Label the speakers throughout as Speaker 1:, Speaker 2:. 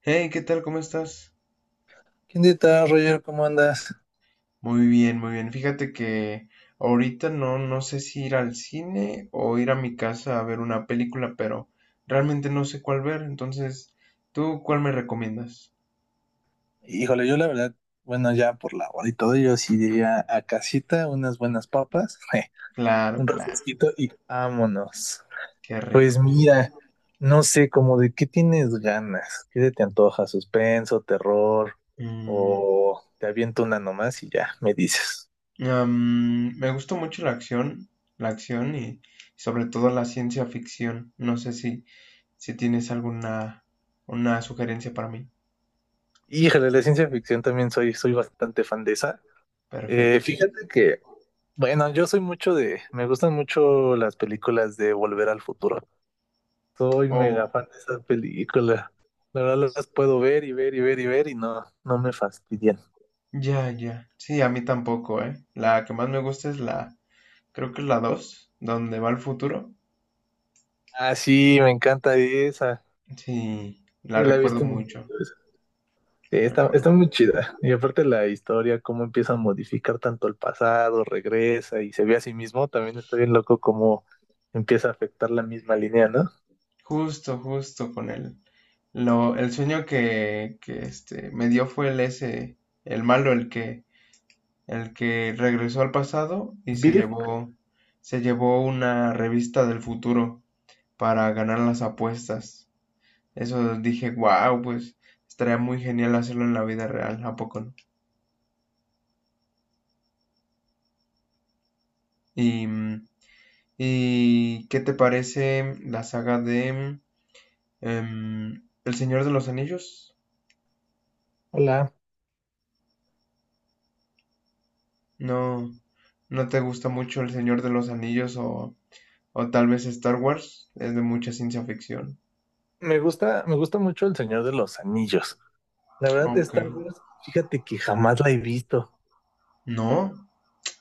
Speaker 1: Hey, ¿qué tal? ¿Cómo estás?
Speaker 2: ¿Qué onda, Roger? ¿Cómo andas?
Speaker 1: Muy bien, muy bien. Fíjate que ahorita no, no sé si ir al cine o ir a mi casa a ver una película, pero realmente no sé cuál ver. Entonces, ¿tú cuál me recomiendas?
Speaker 2: Híjole, yo la verdad, bueno, ya por la hora y todo, yo sí diría a casita, unas buenas papas,
Speaker 1: Claro,
Speaker 2: un
Speaker 1: claro.
Speaker 2: refresquito y vámonos.
Speaker 1: Qué
Speaker 2: Pues
Speaker 1: rico.
Speaker 2: mira, no sé, como de qué tienes ganas, qué se te antoja, suspenso, terror,
Speaker 1: Mm,
Speaker 2: o te aviento una nomás y ya me dices.
Speaker 1: Me gusta mucho la acción y sobre todo la ciencia ficción. No sé si tienes alguna una sugerencia para mí.
Speaker 2: Híjole, la ciencia ficción también soy bastante fan de esa.
Speaker 1: Perfecto.
Speaker 2: Fíjate que, bueno, yo soy mucho de, me gustan mucho las películas de Volver al Futuro. Soy mega
Speaker 1: Oh.
Speaker 2: fan de esas películas. La verdad las puedo ver y ver y ver y ver y no, no me fastidian.
Speaker 1: Ya, ya. Sí, a mí tampoco, ¿eh? La que más me gusta es la, creo que es la dos donde va el futuro.
Speaker 2: Ah, sí, me encanta esa.
Speaker 1: Sí,
Speaker 2: Sí,
Speaker 1: la
Speaker 2: la he
Speaker 1: recuerdo
Speaker 2: visto un
Speaker 1: mucho,
Speaker 2: poquito esa. Sí,
Speaker 1: la
Speaker 2: está
Speaker 1: recuerdo.
Speaker 2: muy chida. Y aparte la historia, cómo empieza a modificar tanto el pasado, regresa y se ve a sí mismo, también está bien loco cómo empieza a afectar la misma línea, ¿no?
Speaker 1: Justo, justo con él. El sueño que me dio fue el ese, el malo, el que regresó al pasado y
Speaker 2: Biff,
Speaker 1: se llevó una revista del futuro para ganar las apuestas. Eso dije, wow, pues estaría muy genial hacerlo en la vida real, ¿a poco no? Y, mm, ¿Y qué te parece la saga de El Señor de los Anillos?
Speaker 2: hola.
Speaker 1: ¿No, no te gusta mucho El Señor de los Anillos o tal vez Star Wars? Es de mucha ciencia ficción.
Speaker 2: Me gusta mucho El Señor de los Anillos. La verdad,
Speaker 1: Ok.
Speaker 2: Star Wars, fíjate que jamás la he visto.
Speaker 1: No,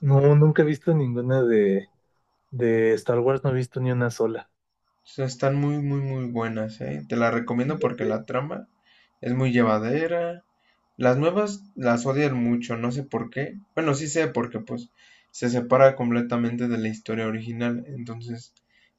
Speaker 2: No, nunca he visto ninguna de, de Star Wars no he visto ni una sola.
Speaker 1: están muy, muy, muy buenas, ¿eh? Te la recomiendo porque la trama es muy llevadera. Las nuevas las odian mucho, no sé por qué. Bueno, sí sé porque pues se separa completamente de la historia original, entonces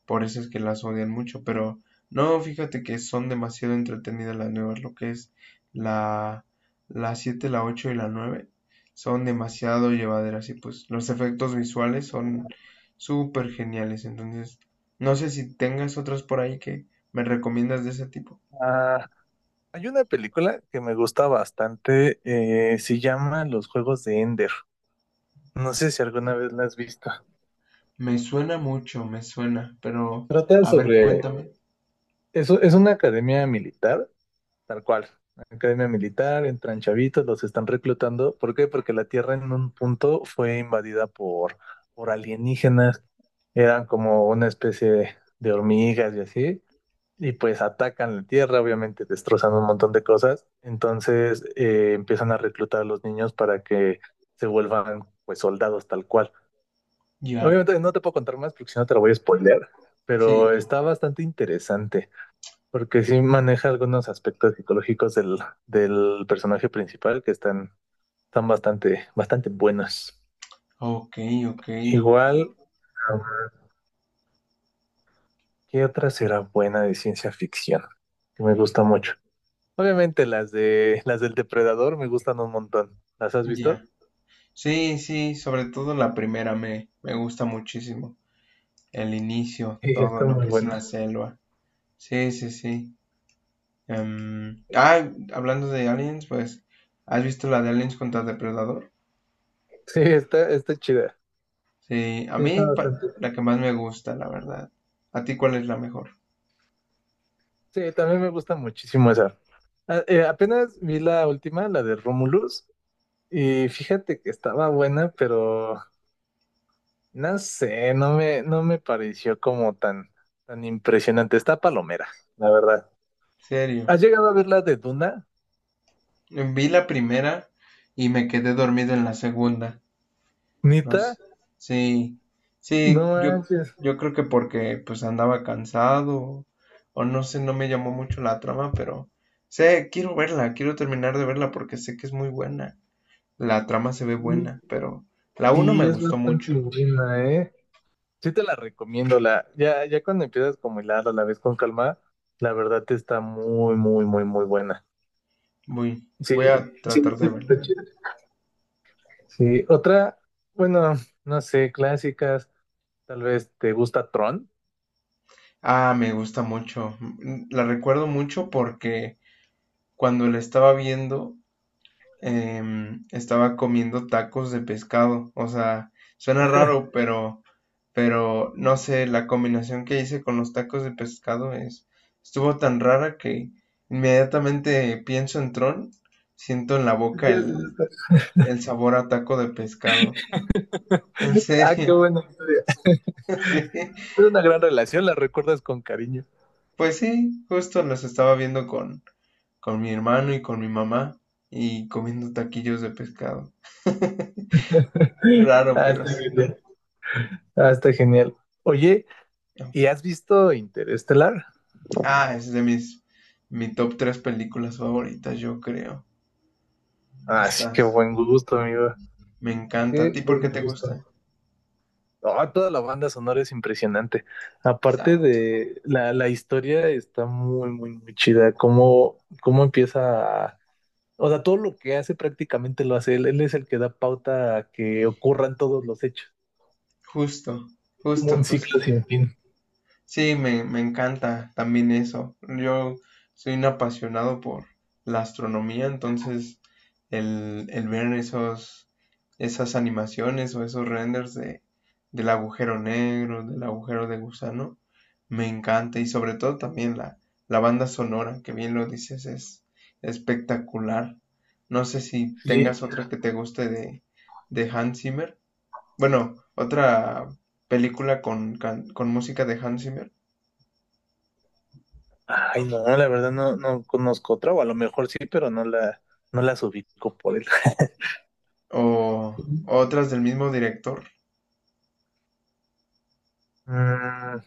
Speaker 1: por eso es que las odian mucho, pero no, fíjate que son demasiado entretenidas las nuevas, lo que es la la 7 la 8 y la 9 son demasiado llevaderas y pues los efectos visuales son súper geniales, entonces no sé si tengas otras por ahí que me recomiendas de ese tipo.
Speaker 2: Ah, hay una película que me gusta bastante, se llama Los Juegos de Ender. No sé si alguna vez la has visto.
Speaker 1: Me suena mucho, me suena, pero
Speaker 2: Trata
Speaker 1: a ver,
Speaker 2: sobre,
Speaker 1: cuéntame.
Speaker 2: eso es una academia militar, tal cual. Academia militar, entran chavitos, los están reclutando. ¿Por qué? Porque la Tierra en un punto fue invadida por alienígenas. Eran como una especie de hormigas y así. Y pues atacan la tierra, obviamente destrozando un montón de cosas. Entonces empiezan a reclutar a los niños para que se vuelvan pues soldados tal cual.
Speaker 1: Ya,
Speaker 2: Obviamente no te puedo contar más porque si no te lo voy a spoilear,
Speaker 1: sí,
Speaker 2: pero
Speaker 1: no.
Speaker 2: está bastante interesante porque sí maneja algunos aspectos psicológicos del personaje principal que están bastante, bastante buenos.
Speaker 1: Ok, ok,
Speaker 2: Igual, ¿qué otra será buena de ciencia ficción? Que me gusta mucho. Obviamente las del depredador me gustan un montón. ¿Las has visto?
Speaker 1: ya. Sí, sí, sobre todo la primera me gusta muchísimo. El inicio,
Speaker 2: Sí,
Speaker 1: todo
Speaker 2: está
Speaker 1: lo
Speaker 2: muy
Speaker 1: que es la
Speaker 2: buena.
Speaker 1: selva. Sí, sí, sí. Ah, hablando de Aliens, pues, ¿has visto la de Aliens contra Depredador?
Speaker 2: Sí, está chida.
Speaker 1: Sí, a
Speaker 2: Sí,
Speaker 1: mí
Speaker 2: está bastante.
Speaker 1: la que más me gusta, la verdad. ¿A ti cuál es la mejor?
Speaker 2: Sí, también me gusta muchísimo esa. Apenas vi la última, la de Romulus, y fíjate que estaba buena, pero no sé, no me pareció como tan, tan impresionante. Está palomera, la verdad.
Speaker 1: Serio.
Speaker 2: ¿Has llegado a ver la de Duna?
Speaker 1: Vi la primera y me quedé dormido en la segunda. No
Speaker 2: Nita,
Speaker 1: s- Sí, sí,
Speaker 2: no
Speaker 1: yo,
Speaker 2: manches.
Speaker 1: yo creo que porque pues andaba cansado o, no sé, no me llamó mucho la trama, pero sé, quiero verla, quiero terminar de verla porque sé que es muy buena. La trama se ve
Speaker 2: Sí,
Speaker 1: buena, pero la uno me
Speaker 2: sí, es
Speaker 1: gustó
Speaker 2: bastante
Speaker 1: mucho.
Speaker 2: buena, ¿eh? Sí te la recomiendo, la, ya, ya cuando empiezas como hilarla, la ves con calma, la verdad te está muy, muy, muy, muy buena.
Speaker 1: Voy,
Speaker 2: Sí,
Speaker 1: voy a
Speaker 2: sí,
Speaker 1: tratar
Speaker 2: sí,
Speaker 1: de verla
Speaker 2: está
Speaker 1: bien.
Speaker 2: chida. Sí, otra, bueno, no sé, clásicas, tal vez te gusta Tron.
Speaker 1: Ah, me gusta mucho. La recuerdo mucho porque cuando la estaba viendo estaba comiendo tacos de pescado. O sea, suena raro, pero no sé, la combinación que hice con los tacos de pescado es, estuvo tan rara que inmediatamente pienso en Tron, siento en la boca
Speaker 2: Ya sé, ya
Speaker 1: el,
Speaker 2: está, chida.
Speaker 1: el sabor a taco de pescado. En
Speaker 2: Ah, qué
Speaker 1: serio,
Speaker 2: buena historia.
Speaker 1: sí.
Speaker 2: Es una gran relación, la recuerdas con cariño.
Speaker 1: Pues sí, justo los estaba viendo con mi hermano y con mi mamá y comiendo taquillos de pescado. Raro,
Speaker 2: Ah,
Speaker 1: pero
Speaker 2: está
Speaker 1: sí.
Speaker 2: genial. Ah, está genial. Oye, ¿y has visto Interestelar?
Speaker 1: Ah, es de mis mi top tres películas favoritas, yo creo.
Speaker 2: Ah, sí,
Speaker 1: Esta
Speaker 2: qué buen gusto, amigo.
Speaker 1: me encanta. ¿A
Speaker 2: Qué
Speaker 1: ti por qué
Speaker 2: buen
Speaker 1: te
Speaker 2: gusto.
Speaker 1: gusta?
Speaker 2: Ah, toda la banda sonora es impresionante. Aparte
Speaker 1: Exacto.
Speaker 2: de la historia está muy, muy, muy chida. Cómo empieza a- O sea, todo lo que hace prácticamente lo hace él. Él es el que da pauta a que ocurran todos los hechos.
Speaker 1: Justo,
Speaker 2: Como
Speaker 1: justo,
Speaker 2: un ciclo
Speaker 1: justo.
Speaker 2: sin fin.
Speaker 1: Sí, me encanta también eso. Yo soy un apasionado por la astronomía, entonces el ver esas animaciones o esos renders del agujero negro, del agujero de gusano, me encanta. Y sobre todo también la banda sonora, que bien lo dices, es espectacular. No sé si
Speaker 2: Sí.
Speaker 1: tengas otra que te guste de Hans Zimmer. Bueno, otra película con música de Hans Zimmer.
Speaker 2: Ay, no, la verdad no conozco otra, o a lo mejor sí, pero no la, no las ubico por él.
Speaker 1: O otras del mismo director.
Speaker 2: Mm,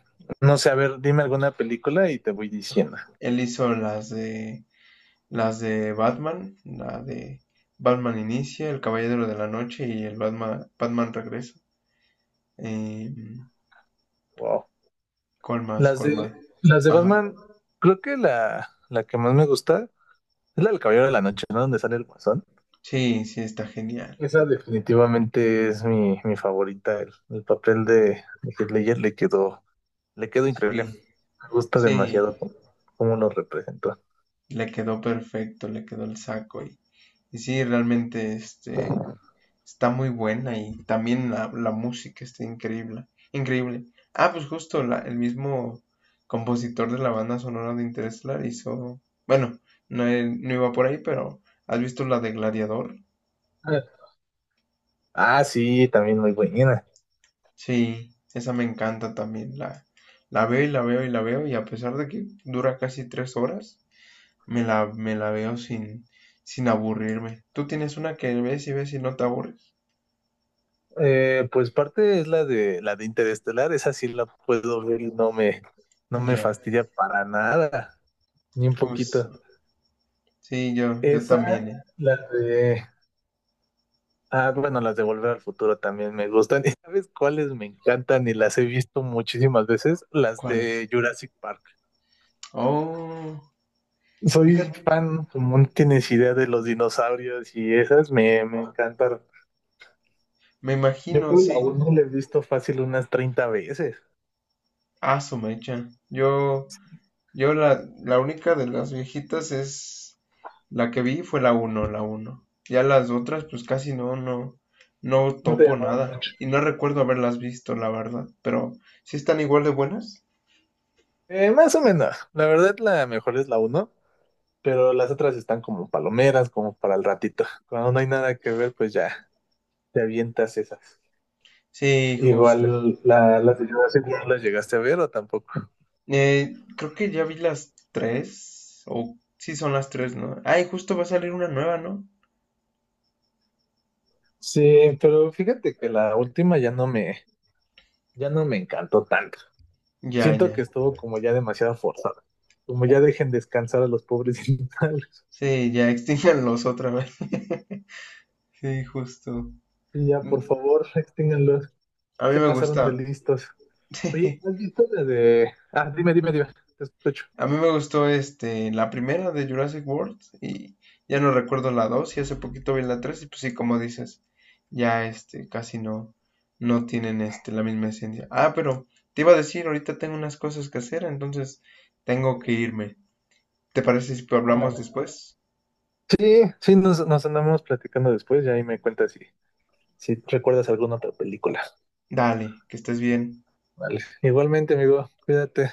Speaker 2: no sé, a ver, dime alguna película y te voy diciendo.
Speaker 1: Él hizo las de Batman, la de Batman Inicia, El Caballero de la Noche y el Batman Regresa. Eh,
Speaker 2: Wow.
Speaker 1: ¿Cuál más?
Speaker 2: Las
Speaker 1: ¿Cuál más?
Speaker 2: de, las de
Speaker 1: Ajá.
Speaker 2: Batman, creo que la que más me gusta es la del Caballero de la Noche, ¿no? Donde sale el Guasón.
Speaker 1: Sí, sí, está genial.
Speaker 2: Esa definitivamente es mi favorita. El papel de Heath Ledger le quedó increíble.
Speaker 1: Sí,
Speaker 2: Me gusta
Speaker 1: sí.
Speaker 2: demasiado cómo lo representó.
Speaker 1: Le quedó perfecto, le quedó el saco. Y sí, realmente, está muy buena y también la música está increíble. Increíble. Ah, pues justo el mismo compositor de la banda sonora de Interstellar hizo. Bueno, no, no iba por ahí, pero ¿has visto la de Gladiador?
Speaker 2: Ah, ah, sí, también muy buena.
Speaker 1: Sí, esa me encanta también. La veo y la veo y la veo, y a pesar de que dura casi 3 horas, me la veo sin aburrirme. ¿Tú tienes una que ves y ves y no te aburres?
Speaker 2: Pues parte es la de Interestelar, esa sí la puedo ver y no me
Speaker 1: Ya,
Speaker 2: fastidia para nada, ni un poquito.
Speaker 1: justo. Sí, yo también,
Speaker 2: Esa,
Speaker 1: ¿eh?
Speaker 2: la de Ah, bueno, las de Volver al Futuro también me gustan. ¿Y sabes cuáles me encantan? Y las he visto muchísimas veces, las
Speaker 1: ¿Cuál es?
Speaker 2: de Jurassic Park.
Speaker 1: Oh,
Speaker 2: Soy
Speaker 1: fíjate,
Speaker 2: fan, como no tienes idea de los dinosaurios y esas me encantan.
Speaker 1: me
Speaker 2: Yo
Speaker 1: imagino,
Speaker 2: creo que
Speaker 1: sí.
Speaker 2: aún no la he visto fácil unas 30 veces.
Speaker 1: Ah, su mecha. Yo la única de las viejitas es la que vi fue la uno. Ya las otras, pues casi no, no, no
Speaker 2: No te
Speaker 1: topo
Speaker 2: llamaron
Speaker 1: nada.
Speaker 2: mucho.
Speaker 1: Y no recuerdo haberlas visto, la verdad. Pero, ¿sí están igual de buenas?
Speaker 2: Más o menos. La verdad, la mejor es la uno, pero las otras están como palomeras, como para el ratito. Cuando no hay nada que ver, pues ya te avientas esas.
Speaker 1: Sí, justo.
Speaker 2: Igual la de Jurassic World las llegaste a ver o tampoco.
Speaker 1: Creo que ya vi las tres. O sí son las tres, ¿no? Ay, justo va a salir una nueva, ¿no?
Speaker 2: Sí, pero fíjate que la última ya no me encantó tanto.
Speaker 1: Ya,
Speaker 2: Siento
Speaker 1: ya.
Speaker 2: que estuvo como ya demasiado forzada. Como ya dejen descansar a los pobres dinosaurios.
Speaker 1: Sí, ya extinganlos otra vez. Sí, justo.
Speaker 2: Y ya, por favor, extínganlos.
Speaker 1: A mí
Speaker 2: Se
Speaker 1: me
Speaker 2: pasaron
Speaker 1: gusta.
Speaker 2: de listos. Oye, ¿has visto la de...? Ah, dime, dime, dime. Te escucho.
Speaker 1: A mí me gustó la primera de Jurassic World y ya no recuerdo la 2 y hace poquito vi la 3 y pues sí, como dices, ya casi no, no tienen la misma esencia. Ah, pero te iba a decir, ahorita tengo unas cosas que hacer, entonces tengo que irme. ¿Te parece si hablamos
Speaker 2: Hola.
Speaker 1: después?
Speaker 2: Sí, sí, nos andamos platicando después y ahí me cuentas si recuerdas alguna otra película.
Speaker 1: Dale, que estés bien.
Speaker 2: Vale. Igualmente, amigo. Cuídate.